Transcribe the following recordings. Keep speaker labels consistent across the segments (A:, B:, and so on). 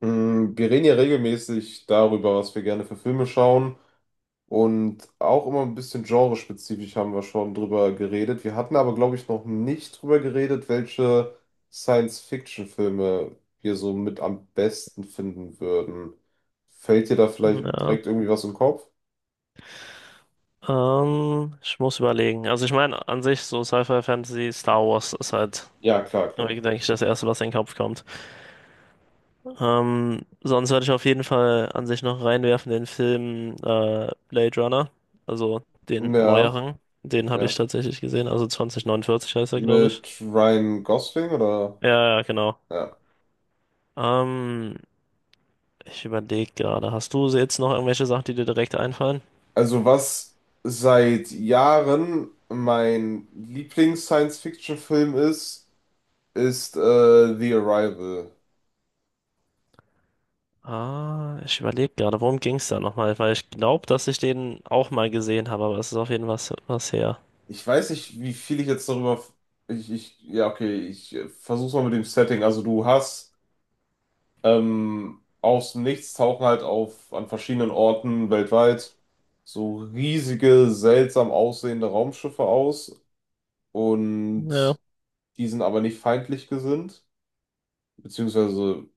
A: Wir reden ja regelmäßig darüber, was wir gerne für Filme schauen. Und auch immer ein bisschen genrespezifisch haben wir schon drüber geredet. Wir hatten aber, glaube ich, noch nicht drüber geredet, welche Science-Fiction-Filme wir so mit am besten finden würden. Fällt dir da vielleicht
B: Ja.
A: direkt irgendwie was im Kopf?
B: Ich muss überlegen. Also ich meine, an sich so Sci-Fi, Fantasy, Star Wars ist halt,
A: Ja, klar, klar.
B: denke ich, das Erste, was in den Kopf kommt. Sonst würde ich auf jeden Fall an sich noch reinwerfen den Film Blade Runner, also den
A: Ja,
B: neueren. Den habe ich
A: ja.
B: tatsächlich gesehen, also 2049 heißt er, glaube ich.
A: Mit Ryan Gosling oder?
B: Ja, ja, genau.
A: Ja.
B: Ähm, ich überlege gerade, hast du jetzt noch irgendwelche Sachen, die dir direkt einfallen?
A: Also was seit Jahren mein Lieblings-Science-Fiction-Film ist, ist The Arrival.
B: Ah, ich überlege gerade, worum ging es da nochmal? Weil ich glaube, dass ich den auch mal gesehen habe, aber es ist auf jeden Fall was, was her.
A: Ich weiß nicht, wie viel ich jetzt darüber... ja, okay, ich versuch's mal mit dem Setting. Also du hast aus dem Nichts tauchen halt auf an verschiedenen Orten weltweit so riesige, seltsam aussehende Raumschiffe aus, und
B: Ja,
A: die sind aber nicht feindlich gesinnt, beziehungsweise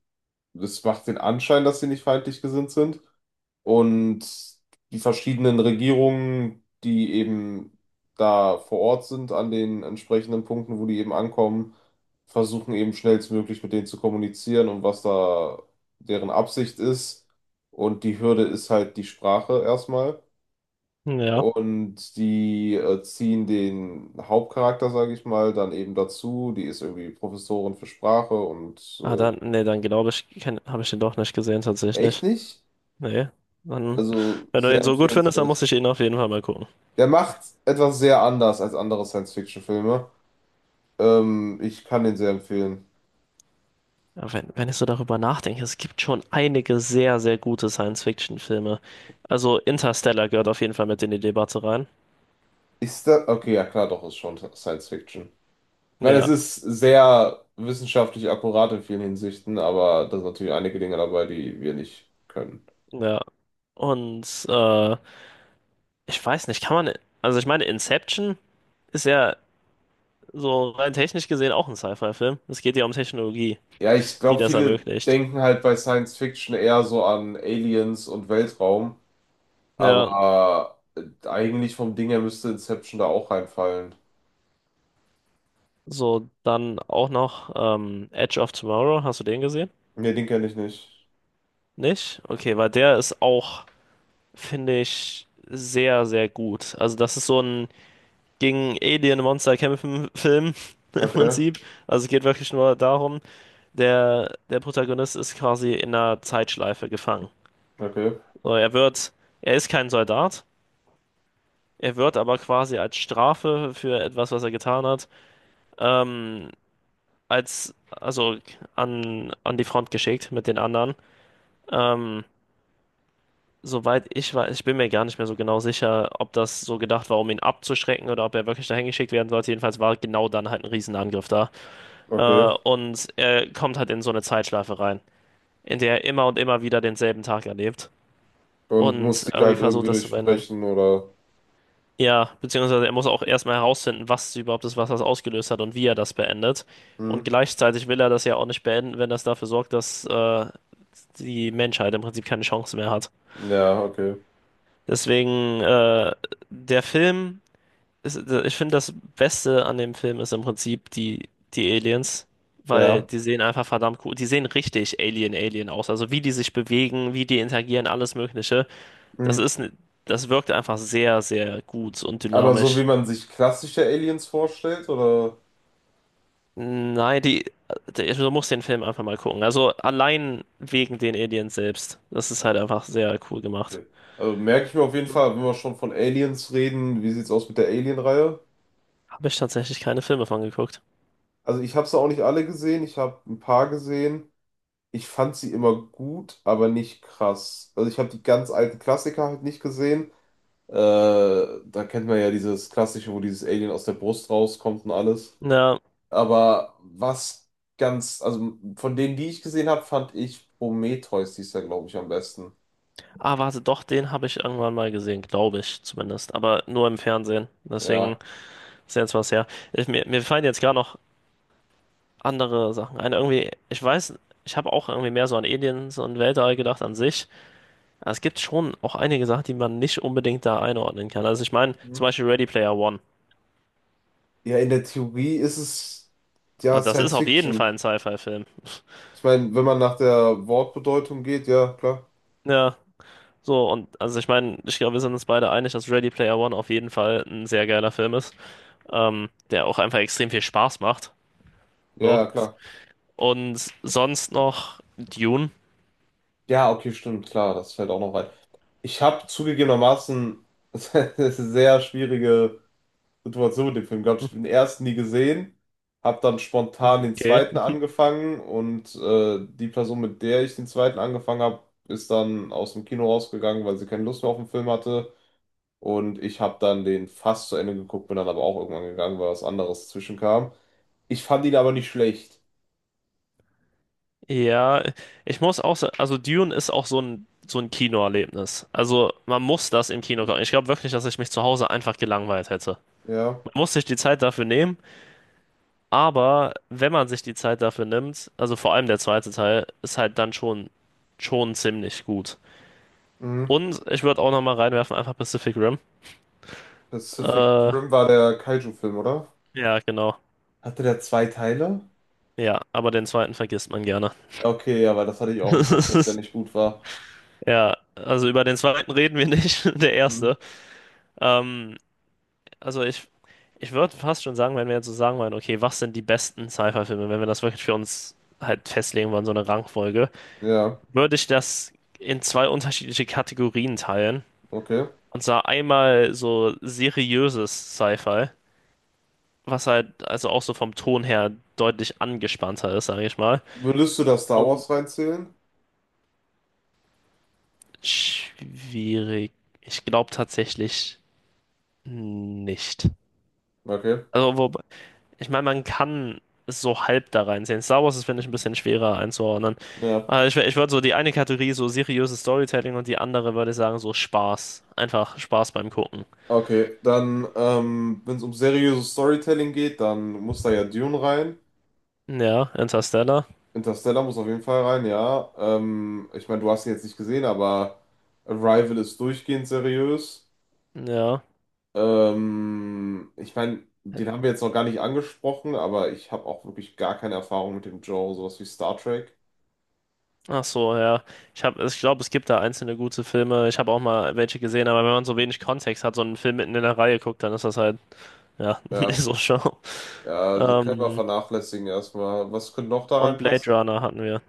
A: das macht den Anschein, dass sie nicht feindlich gesinnt sind. Und die verschiedenen Regierungen, die eben da vor Ort sind, an den entsprechenden Punkten, wo die eben ankommen, versuchen eben schnellstmöglich mit denen zu kommunizieren, und was da deren Absicht ist. Und die Hürde ist halt die Sprache erstmal.
B: ja.
A: Und die ziehen den Hauptcharakter, sage ich mal, dann eben dazu. Die ist irgendwie Professorin für Sprache und
B: Ah,
A: äh,
B: dann, nee, dann glaube ich, habe ich den doch nicht gesehen
A: echt
B: tatsächlich.
A: nicht?
B: Nee. Dann,
A: Also
B: wenn du
A: sehr
B: den so gut findest, dann
A: empfehlenswert.
B: muss ich ihn auf jeden Fall mal gucken.
A: Der macht etwas sehr anders als andere Science-Fiction-Filme. Ich kann den sehr empfehlen.
B: Ja, wenn ich so darüber nachdenke, es gibt schon einige sehr, sehr gute Science-Fiction-Filme. Also Interstellar gehört auf jeden Fall mit in die Debatte rein.
A: Ist das? Okay, ja klar, doch, ist schon Science-Fiction. Ich meine, es
B: Ja,
A: ist sehr wissenschaftlich akkurat in vielen Hinsichten, aber da sind natürlich einige Dinge dabei, die wir nicht können.
B: ja. Und ich weiß nicht, kann man, also ich meine, Inception ist ja so rein technisch gesehen auch ein Sci-Fi-Film. Es geht ja um Technologie,
A: Ja, ich
B: die
A: glaube,
B: das
A: viele
B: ermöglicht.
A: denken halt bei Science-Fiction eher so an Aliens und Weltraum,
B: Ja,
A: aber eigentlich vom Ding her müsste Inception da auch reinfallen.
B: so dann auch noch Edge of Tomorrow. Hast du den gesehen?
A: Nee, den kenne ich nicht.
B: Nicht? Okay, weil der ist auch, finde ich, sehr, sehr gut. Also das ist so ein gegen Alien-Monster kämpfen Film im
A: Okay,
B: Prinzip. Also es geht wirklich nur darum, der Protagonist ist quasi in einer Zeitschleife gefangen.
A: okay.
B: So, er ist kein Soldat. Er wird aber quasi als Strafe für etwas, was er getan hat, ähm, also an die Front geschickt mit den anderen. Ähm, soweit ich weiß, ich bin mir gar nicht mehr so genau sicher, ob das so gedacht war, um ihn abzuschrecken oder ob er wirklich dahin geschickt werden sollte. Jedenfalls war genau dann halt ein Riesenangriff da. Äh,
A: Okay.
B: und er kommt halt in so eine Zeitschleife rein, in der er immer und immer wieder denselben Tag erlebt
A: Und muss
B: und
A: die
B: irgendwie
A: halt
B: versucht,
A: irgendwie
B: das zu verändern.
A: durchsprechen oder.
B: Ja, beziehungsweise er muss auch erstmal herausfinden, was überhaupt das Wasser ausgelöst hat und wie er das beendet. Und
A: Hm.
B: gleichzeitig will er das ja auch nicht beenden, wenn das dafür sorgt, dass die Menschheit im Prinzip keine Chance mehr hat.
A: Ja, okay.
B: Deswegen, der Film, ist, ich finde, das Beste an dem Film ist im Prinzip die Aliens, weil
A: Ja.
B: die sehen einfach verdammt cool, die sehen richtig Alien, Alien aus. Also wie die sich bewegen, wie die interagieren, alles Mögliche.
A: Hm.
B: Das ist, ne- das wirkt einfach sehr, sehr gut und
A: Aber so wie
B: dynamisch.
A: man sich klassische Aliens vorstellt, oder?
B: Nein, du musst den Film einfach mal gucken. Also allein wegen den Aliens selbst. Das ist halt einfach sehr cool gemacht.
A: Okay. Also merke ich mir auf jeden
B: Mhm.
A: Fall, wenn wir schon von Aliens reden, wie sieht's aus mit der Alien-Reihe?
B: Habe ich tatsächlich keine Filme von geguckt.
A: Also ich habe sie auch nicht alle gesehen, ich habe ein paar gesehen. Ich fand sie immer gut, aber nicht krass. Also ich habe die ganz alten Klassiker halt nicht gesehen. Äh, Da kennt man ja dieses klassische, wo dieses Alien aus der Brust rauskommt und alles.
B: Na,
A: Aber was ganz, also von denen, die ich gesehen habe, fand ich Prometheus, die ist, glaube ich, am besten.
B: ah, warte, doch, den habe ich irgendwann mal gesehen, glaube ich zumindest. Aber nur im Fernsehen. Deswegen
A: Ja.
B: ist jetzt was her. Mir fallen jetzt gar noch andere Sachen ein. Irgendwie, ich weiß, ich habe auch irgendwie mehr so an Aliens und Weltall gedacht an sich. Aber es gibt schon auch einige Sachen, die man nicht unbedingt da einordnen kann. Also ich meine,
A: Mhm.
B: zum Beispiel Ready Player One.
A: Ja, in der Theorie ist es ja
B: Also das ist
A: Science
B: auf jeden
A: Fiction.
B: Fall ein Sci-Fi-Film.
A: Ich meine, wenn man nach der Wortbedeutung geht, ja, klar.
B: Ja, so und also ich meine, ich glaube, wir sind uns beide einig, dass Ready Player One auf jeden Fall ein sehr geiler Film ist, der auch einfach extrem viel Spaß macht.
A: Ja,
B: So.
A: ja, klar.
B: Und sonst noch Dune.
A: Ja, okay, stimmt, klar, das fällt auch noch rein. Ich habe zugegebenermaßen sehr schwierige Situation mit dem Film gehabt. Ich habe den ersten nie gesehen, habe dann spontan den
B: Okay.
A: zweiten angefangen und die Person, mit der ich den zweiten angefangen habe, ist dann aus dem Kino rausgegangen, weil sie keine Lust mehr auf den Film hatte. Und ich habe dann den fast zu Ende geguckt, bin dann aber auch irgendwann gegangen, weil was anderes zwischenkam. Ich fand ihn aber nicht schlecht.
B: Ja, ich muss auch sagen, also Dune ist auch so ein Kinoerlebnis. Also man muss das im Kino gucken. Ich glaube wirklich, dass ich mich zu Hause einfach gelangweilt hätte.
A: Ja.
B: Man muss sich die Zeit dafür nehmen. Aber wenn man sich die Zeit dafür nimmt, also vor allem der zweite Teil, ist halt dann schon ziemlich gut.
A: Mhm.
B: Und ich würde auch nochmal reinwerfen, einfach Pacific Rim.
A: Pacific
B: Äh,
A: Rim war der Kaiju-Film, oder?
B: ja, genau.
A: Hatte der zwei Teile?
B: Ja, aber den zweiten vergisst man gerne.
A: Okay, ja, weil das hatte ich auch im Kopf, dass der nicht gut war.
B: Ja, also über den zweiten reden wir nicht, der
A: Mhm.
B: erste. Ähm, also ich würde fast schon sagen, wenn wir jetzt so sagen wollen, okay, was sind die besten Sci-Fi-Filme, wenn wir das wirklich für uns halt festlegen wollen, so eine Rangfolge,
A: Ja,
B: würde ich das in zwei unterschiedliche Kategorien teilen.
A: okay.
B: Und zwar einmal so seriöses Sci-Fi, was halt also auch so vom Ton her deutlich angespannter ist, sage ich mal.
A: Würdest du da Star
B: Und
A: Wars reinzählen?
B: schwierig. Ich glaube tatsächlich nicht.
A: Okay,
B: Also, wobei, ich meine, man kann es so halb da reinsehen. Star Wars ist, finde ich, ein bisschen schwerer einzuordnen.
A: ja.
B: Also ich würde so die eine Kategorie so seriöses Storytelling und die andere würde ich sagen so Spaß. Einfach Spaß beim Gucken.
A: Okay, dann, wenn es um seriöses Storytelling geht, dann muss da ja Dune rein.
B: Ja, Interstellar.
A: Interstellar muss auf jeden Fall rein, ja. Ich meine, du hast ihn jetzt nicht gesehen, aber Arrival ist durchgehend seriös.
B: Ja.
A: Ich meine, den haben wir jetzt noch gar nicht angesprochen, aber ich habe auch wirklich gar keine Erfahrung mit dem Genre, sowas wie Star Trek.
B: Ach so, ja. Ich glaube, es gibt da einzelne gute Filme. Ich habe auch mal welche gesehen, aber wenn man so wenig Kontext hat, so einen Film mitten in der Reihe guckt, dann ist das halt, ja, nicht
A: Ja,
B: so schlau.
A: ja, das können wir
B: Ähm,
A: vernachlässigen erstmal. Was könnte noch da
B: und
A: reinpassen?
B: Blade Runner hatten wir.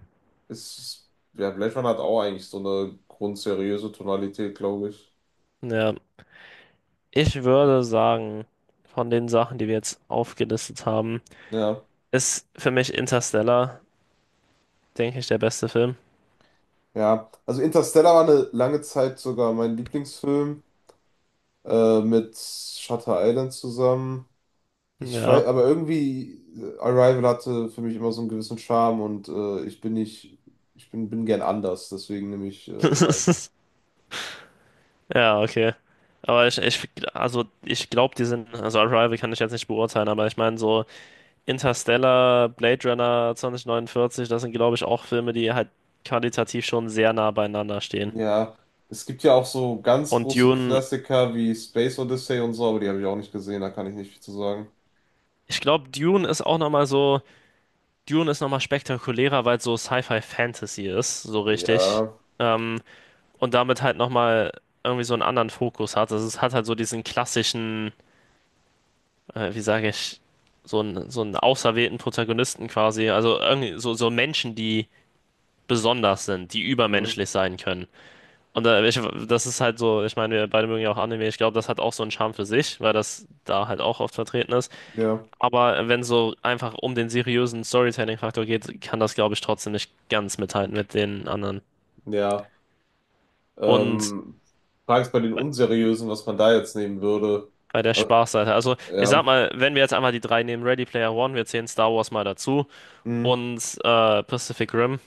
A: Ist, ja, Blade Runner hat auch eigentlich so eine grundseriöse Tonalität, glaube ich.
B: Ja. Ich würde sagen, von den Sachen, die wir jetzt aufgelistet haben,
A: Ja,
B: ist für mich Interstellar, denke ich, der beste Film.
A: ja. Also Interstellar war eine lange Zeit sogar mein Lieblingsfilm mit Shutter Island zusammen. Ich weiß,
B: Ja.
A: aber irgendwie Arrival hatte für mich immer so einen gewissen Charme und ich bin nicht, ich bin, bin gern anders, deswegen nehme ich Arrival.
B: Ja, okay. Aber also ich glaube, also Arrival kann ich jetzt nicht beurteilen, aber ich meine so. Interstellar, Blade Runner 2049, das sind, glaube ich, auch Filme, die halt qualitativ schon sehr nah beieinander stehen.
A: Ja, es gibt ja auch so ganz
B: Und
A: große
B: Dune,
A: Klassiker wie Space Odyssey und so, aber die habe ich auch nicht gesehen, da kann ich nicht viel zu sagen.
B: ich glaube, Dune ist auch nochmal so, Dune ist nochmal spektakulärer, weil es so Sci-Fi-Fantasy ist, so richtig.
A: Ja,
B: Ähm, und damit halt nochmal irgendwie so einen anderen Fokus hat. Also es hat halt so diesen klassischen, wie sage ich, so einen auserwählten Protagonisten quasi. Also irgendwie so Menschen, die besonders sind, die
A: mhm,
B: übermenschlich sein können. Und das ist halt so, ich meine, wir beide mögen ja auch Anime. Ich glaube, das hat auch so einen Charme für sich, weil das da halt auch oft vertreten ist.
A: ja.
B: Aber wenn so einfach um den seriösen Storytelling-Faktor geht, kann das, glaube ich, trotzdem nicht ganz mithalten mit den anderen.
A: Ja,
B: Und
A: ähm, frage ich bei den
B: bei,
A: Unseriösen, was man da jetzt nehmen würde.
B: bei der
A: Äh,
B: Spaßseite, also ich sag
A: Ja,
B: mal, wenn wir jetzt einmal die drei nehmen, Ready Player One, wir zählen Star Wars mal dazu
A: hm,
B: und Pacific Rim.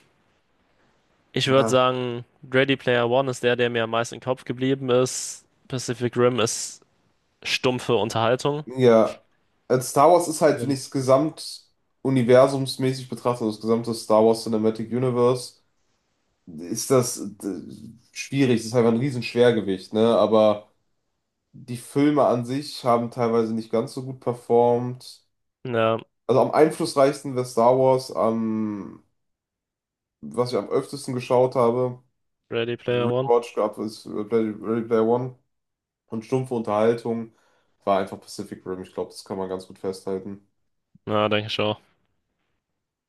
B: Ich würde
A: ja,
B: sagen, Ready Player One ist der, der mir am meisten im Kopf geblieben ist. Pacific Rim ist stumpfe Unterhaltung.
A: ja. Also Star Wars ist halt, wenn ich es gesamt universumsmäßig betrachte, also das gesamte Star Wars Cinematic Universe, ist das schwierig. Das ist einfach ein Riesenschwergewicht, ne? Aber die Filme an sich haben teilweise nicht ganz so gut performt.
B: Ja.
A: Also am einflussreichsten wäre Star Wars, am, was ich am öftesten geschaut habe.
B: Ready
A: Also
B: Player One?
A: Rewatch gab es Ready Player One, und stumpfe Unterhaltung war einfach Pacific Rim. Ich glaube, das kann man ganz gut festhalten.
B: Na, denke ich schon.